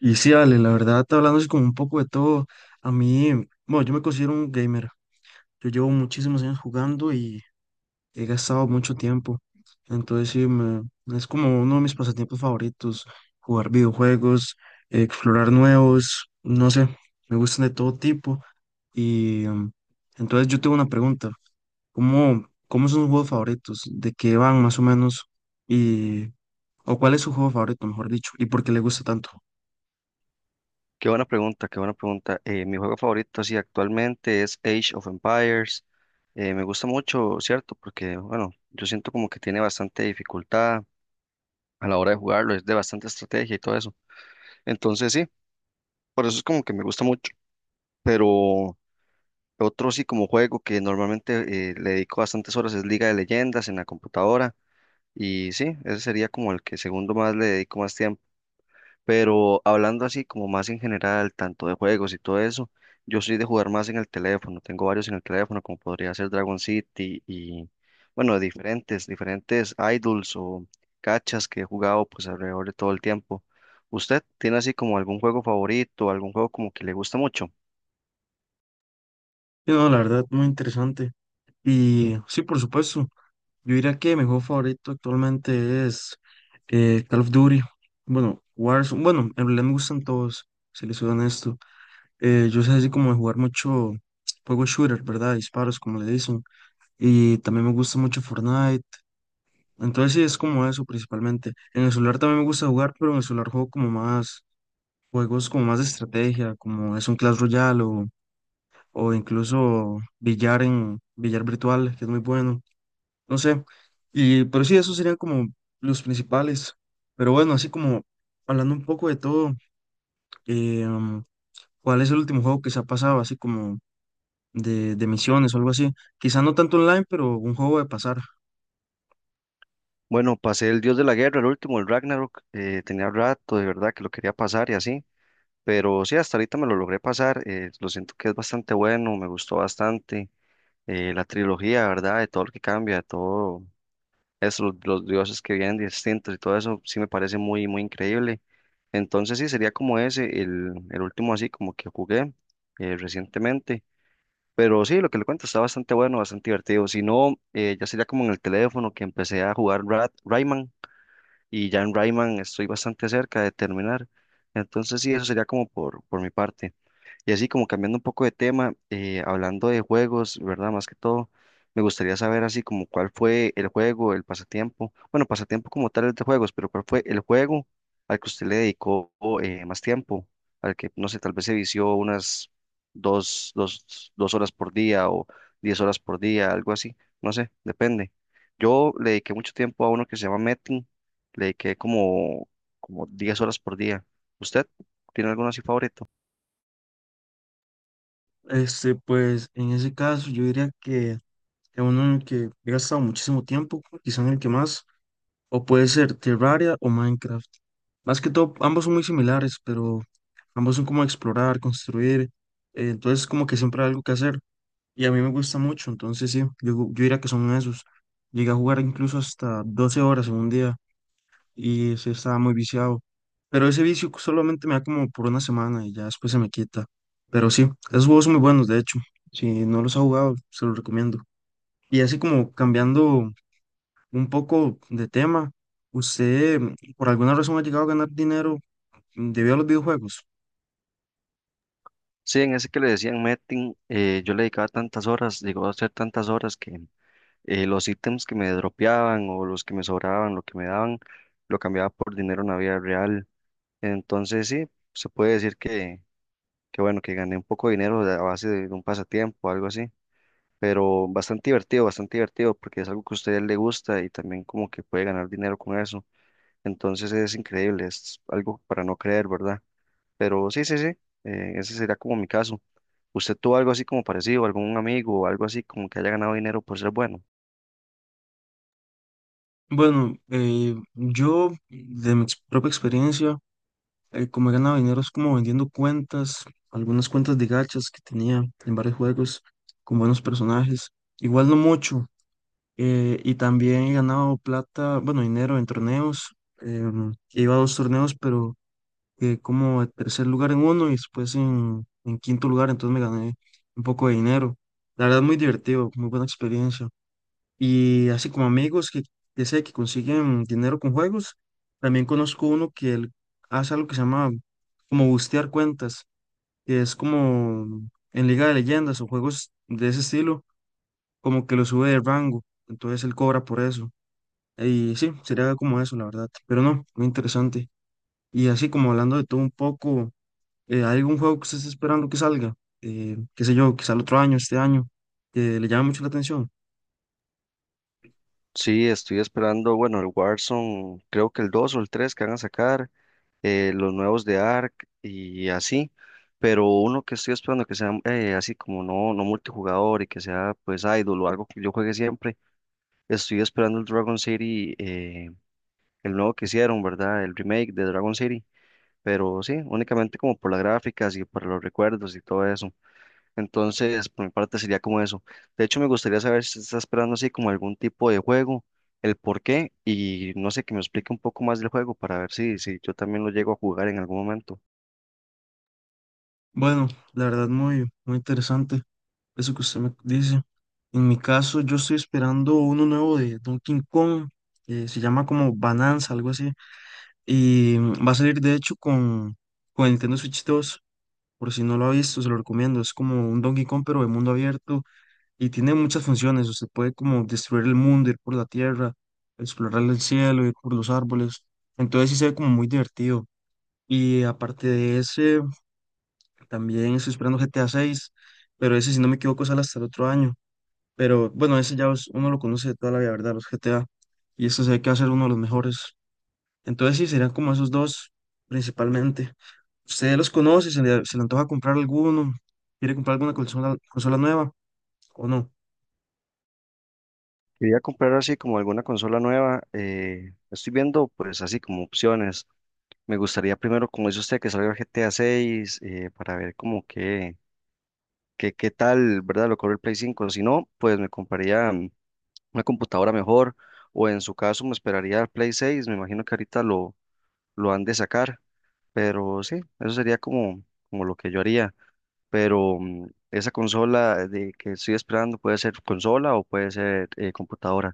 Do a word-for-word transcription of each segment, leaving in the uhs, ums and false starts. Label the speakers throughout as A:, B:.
A: Y sí, Ale, la verdad, hablando así como un poco de todo, a mí, bueno, yo me considero un gamer. Yo llevo muchísimos años jugando y he gastado mucho tiempo. Entonces, sí, me- es como uno de mis pasatiempos favoritos, jugar videojuegos, explorar nuevos, no sé, me gustan de todo tipo. Y em, entonces yo tengo una pregunta, ¿cómo, cómo son sus juegos favoritos? ¿De qué van más o menos? Y, o cuál es su juego favorito, mejor dicho, y por qué le gusta tanto.
B: Qué buena pregunta, qué buena pregunta. Eh, mi juego favorito, así actualmente es Age of Empires. Eh, me gusta mucho, ¿cierto? Porque, bueno, yo siento como que tiene bastante dificultad a la hora de jugarlo, es de bastante estrategia y todo eso. Entonces, sí, por eso es como que me gusta mucho. Pero otro sí como juego que normalmente eh, le dedico bastantes horas es Liga de Leyendas en la computadora. Y sí, ese sería como el que segundo más le dedico más tiempo. Pero hablando así como más en general, tanto de juegos y todo eso, yo soy de jugar más en el teléfono, tengo varios en el teléfono, como podría ser Dragon City y, bueno, diferentes, diferentes idols o cachas que he jugado pues alrededor de todo el tiempo. ¿Usted tiene así como algún juego favorito, algún juego como que le gusta mucho?
A: Y no, la verdad, muy interesante. Y sí, por supuesto, yo diría que mi juego favorito actualmente es eh, Call of Duty. Bueno, Warzone, bueno, en realidad me gustan todos, si les soy honesto. Eh, yo soy así como de jugar mucho juego shooter, ¿verdad? Disparos, como le dicen. Y también me gusta mucho Fortnite. Entonces sí, es como eso principalmente. En el celular también me gusta jugar, pero en el celular juego como más juegos como más de estrategia, como es un Clash Royale o, o incluso billar en billar virtual, que es muy bueno. No sé. Y, pero sí, esos serían como los principales. Pero bueno, así como hablando un poco de todo, eh, um, ¿cuál es el último juego que se ha pasado? Así como de, de misiones o algo así. Quizá no tanto online, pero un juego de pasar.
B: Bueno, pasé el Dios de la Guerra, el último, el Ragnarok, eh, tenía rato de verdad que lo quería pasar y así, pero sí, hasta ahorita me lo logré pasar, eh, lo siento que es bastante bueno, me gustó bastante. eh, la trilogía, ¿verdad? De todo lo que cambia, de todo eso, los, los dioses que vienen distintos y todo eso, sí me parece muy, muy increíble. Entonces sí, sería como ese, el, el último así como que jugué eh, recientemente. Pero sí, lo que le cuento está bastante bueno, bastante divertido. Si no, eh, ya sería como en el teléfono que empecé a jugar Ra- Rayman y ya en Rayman estoy bastante cerca de terminar. Entonces sí, eso sería como por, por mi parte. Y así como cambiando un poco de tema, eh, hablando de juegos, ¿verdad? Más que todo, me gustaría saber así como cuál fue el juego, el pasatiempo, bueno, pasatiempo como tal es de juegos, pero cuál fue el juego al que usted le dedicó eh, más tiempo, al que, no sé, tal vez se vició unas dos, dos, dos horas por día o diez horas por día, algo así, no sé, depende. Yo le dediqué mucho tiempo a uno que se llama Metin, le dediqué como, como diez horas por día. ¿Usted tiene alguno así favorito?
A: Este, pues en ese caso yo diría que es uno en el que he gastado muchísimo tiempo, quizá en el que más, o puede ser Terraria o Minecraft. Más que todo, ambos son muy similares, pero ambos son como explorar, construir, eh, entonces como que siempre hay algo que hacer. Y a mí me gusta mucho, entonces sí, yo, yo diría que son esos. Llegué a jugar incluso hasta doce horas en un día y sí estaba muy viciado. Pero ese vicio solamente me da como por una semana y ya después se me quita. Pero sí, esos juegos son muy buenos, de hecho. Si no los ha jugado, se los recomiendo. Y así como cambiando un poco de tema, ¿usted mm, por alguna razón ha llegado a ganar dinero debido a los videojuegos?
B: Sí, en ese que le decían Metin, eh, yo le dedicaba tantas horas, llegó a hacer tantas horas que eh, los ítems que me dropeaban o los que me sobraban, lo que me daban, lo cambiaba por dinero en la vida real. Entonces sí, se puede decir que, que bueno, que gané un poco de dinero de- a base de, un pasatiempo o algo así, pero bastante divertido, bastante divertido porque es algo que a usted le gusta y también como que puede ganar dinero con eso. Entonces es increíble, es algo para no creer, ¿verdad? Pero sí, sí, sí, eh, ese sería como mi caso. ¿Usted tuvo algo así como parecido, algún amigo o algo así como que haya ganado dinero por ser bueno?
A: Bueno, eh, yo de mi ex- propia experiencia eh, como he ganado dinero es como vendiendo cuentas, algunas cuentas de gachas que tenía en varios juegos con buenos personajes. Igual no mucho. Eh, y también he ganado plata, bueno, dinero en torneos. Em, iba a dos torneos, pero eh, como en tercer lugar en uno y después en, en quinto lugar, entonces me gané un poco de dinero. La verdad, muy divertido, muy buena experiencia. Y así como amigos que, que sé que consiguen dinero con juegos, también conozco uno que él hace algo que se llama como bustear cuentas, que es como en Liga de Leyendas o juegos de ese estilo, como que lo sube de rango, entonces él cobra por eso. Y sí, sería como eso, la verdad, pero no, muy interesante. Y así como hablando de todo un poco, eh, ¿hay algún juego que usted esté esperando que salga? Eh, qué sé yo, quizá el otro año, este año, que le llama mucho la atención.
B: Sí, estoy esperando, bueno, el Warzone, creo que el dos o el tres que van a sacar, eh, los nuevos de Ark y así, pero uno que estoy esperando que sea eh, así como no, no multijugador y que sea pues idol o algo que yo juegue siempre, estoy esperando el Dragon City, eh, el nuevo que hicieron, ¿verdad? El remake de Dragon City, pero sí, únicamente como por las gráficas y por los recuerdos y todo eso. Entonces, por mi parte sería como eso. De hecho, me gustaría saber si está esperando así como algún tipo de juego, el por qué y no sé, que me explique un poco más del juego para ver si, si yo también lo llego a jugar en algún momento.
A: Bueno, la verdad muy, muy interesante. Eso que usted me dice. En mi caso, yo estoy esperando uno nuevo de Donkey Kong, eh, se llama como Bananza, algo así, y mm, va a salir de hecho con, con el Nintendo Switch dos, por si no lo ha visto, se lo recomiendo, es como un Donkey Kong pero de mundo abierto y tiene muchas funciones, usted puede como destruir el mundo, ir por la tierra, explorar el cielo, ir por los árboles, entonces sí se ve como muy divertido. Y aparte de ese, también estoy esperando G T A seis, pero ese si no me equivoco sale hasta el otro año. Pero bueno, ese ya es- uno lo conoce de toda la vida, ¿verdad? Los G T A. Y esto se ve que va a ser uno de los mejores. Entonces sí, serían como esos dos principalmente. ¿Usted los conoce? ¿Se le, se le antoja comprar alguno? ¿Quiere comprar alguna consola, consola nueva o no?
B: Quería comprar así como alguna consola nueva. eh, estoy viendo pues así como opciones. Me gustaría primero, como dice usted, que salga el G T A seis para ver como que, que, qué tal, ¿verdad? Lo corre el Play cinco. Si no, pues me compraría mm, una computadora mejor o en su caso me esperaría el Play seis. Me imagino que ahorita lo lo han de sacar. Pero sí, eso sería como, como lo que yo haría. Pero mm, esa consola de que estoy esperando puede ser consola o puede ser eh, computadora.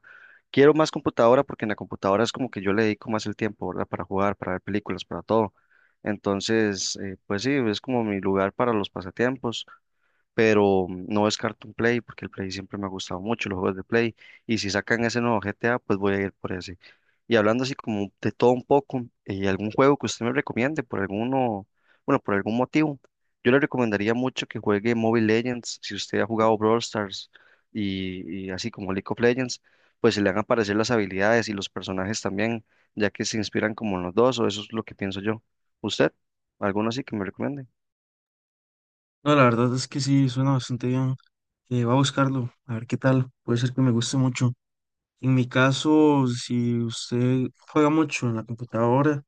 B: Quiero más computadora porque en la computadora es como que yo le dedico más el tiempo, ¿verdad? Para jugar, para ver películas, para todo. Entonces, eh, pues sí, es como mi lugar para los pasatiempos pero no descarto un Play porque el Play siempre me ha gustado mucho, los juegos de Play, y si sacan ese nuevo G T A, pues voy a ir por ese. Y hablando así como de todo un poco, eh, algún juego que usted me recomiende por alguno, bueno, por algún motivo, yo le recomendaría mucho que juegue Mobile Legends, si usted ha jugado Brawl Stars y, y así como League of Legends, pues se le van a aparecer las habilidades y los personajes también, ya que se inspiran como en los dos, o eso es lo que pienso yo. ¿Usted? ¿Alguno así que me recomiende?
A: No, la verdad es que sí, suena bastante bien. Eh, voy a buscarlo, a ver qué tal. Puede ser que me guste mucho. En mi caso, si usted juega mucho en la computadora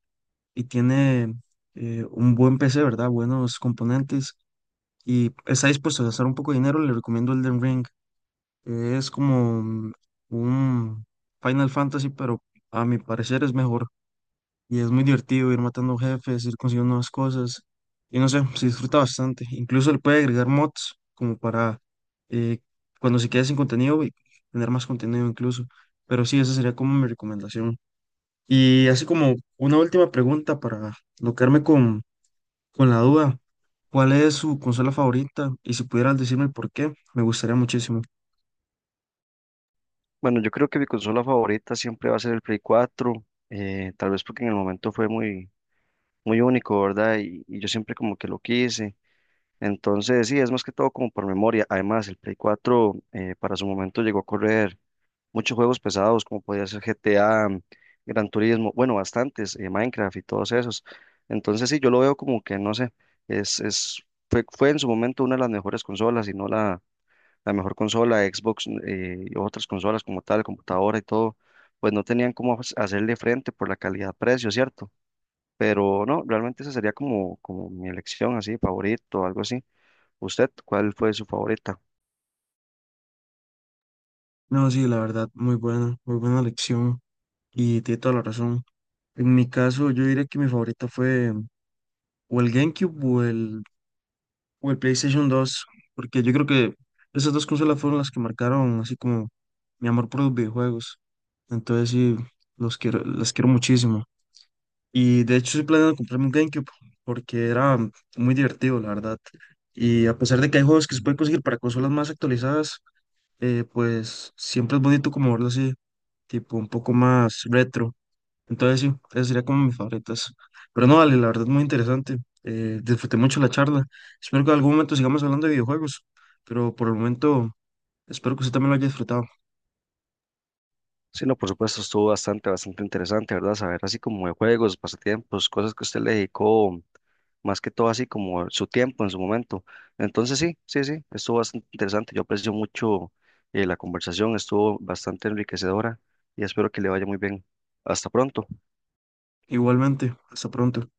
A: y tiene eh, un buen P C, ¿verdad? Buenos componentes. Y está dispuesto a gastar un poco de dinero, le recomiendo Elden Ring. Eh, Es como un un Final Fantasy, pero a mi parecer es mejor. Y es muy divertido ir matando jefes, ir consiguiendo nuevas cosas. Y no sé, se disfruta bastante. Incluso le puede agregar mods como para eh, cuando se quede sin contenido y tener más contenido incluso. Pero sí, esa sería como mi recomendación. Y así como una última pregunta para no quedarme con con la duda, ¿cuál es su consola favorita? Y si pudieras decirme por qué, me gustaría muchísimo.
B: Bueno, yo creo que mi consola favorita siempre va a ser el Play cuatro, eh, tal vez porque en el momento fue muy, muy único, ¿verdad? Y, y yo siempre como que lo quise. Entonces, sí, es más que todo como por memoria. Además, el Play cuatro eh, para su momento llegó a correr muchos juegos pesados, como podía ser G T A, Gran Turismo, bueno, bastantes, eh, Minecraft y todos esos. Entonces, sí, yo lo veo como que, no sé, es, es, fue, fue en su momento una de las mejores consolas y no la la mejor consola, Xbox eh, y otras consolas como tal, computadora y todo, pues no tenían cómo hac- hacerle frente por la calidad-precio, ¿cierto? Pero no, realmente esa sería como, como mi elección así, favorito o algo así. ¿Usted cuál fue su favorita?
A: No, sí, la verdad, muy buena, muy buena lección y tiene toda la razón. En mi caso, yo diría que mi favorita fue o el GameCube o el, o el PlayStation dos porque yo creo que esas dos consolas fueron las que marcaron así como mi amor por los videojuegos. Entonces, sí, los quiero, las quiero muchísimo. Y de hecho estoy planeando comprarme un GameCube porque era muy divertido, la verdad. Y a pesar de que hay juegos que se pueden conseguir para consolas más actualizadas, eh, pues siempre es bonito como verlo así, tipo un poco más retro. Entonces sí, esas serían como mis favoritas. Pero no, vale, la verdad muy interesante. Eh, disfruté mucho la charla. Espero que en algún momento sigamos hablando de videojuegos, pero por el momento espero que usted también lo haya disfrutado.
B: Sí, no, por supuesto, estuvo bastante, bastante interesante, ¿verdad? Saber así como de juegos, pasatiempos, cosas que usted le dedicó más que todo así como su tiempo en su momento. Entonces sí, sí, sí, estuvo bastante interesante. Yo aprecio mucho eh, la conversación, estuvo bastante enriquecedora y espero que le vaya muy bien. Hasta pronto.
A: Igualmente, hasta pronto.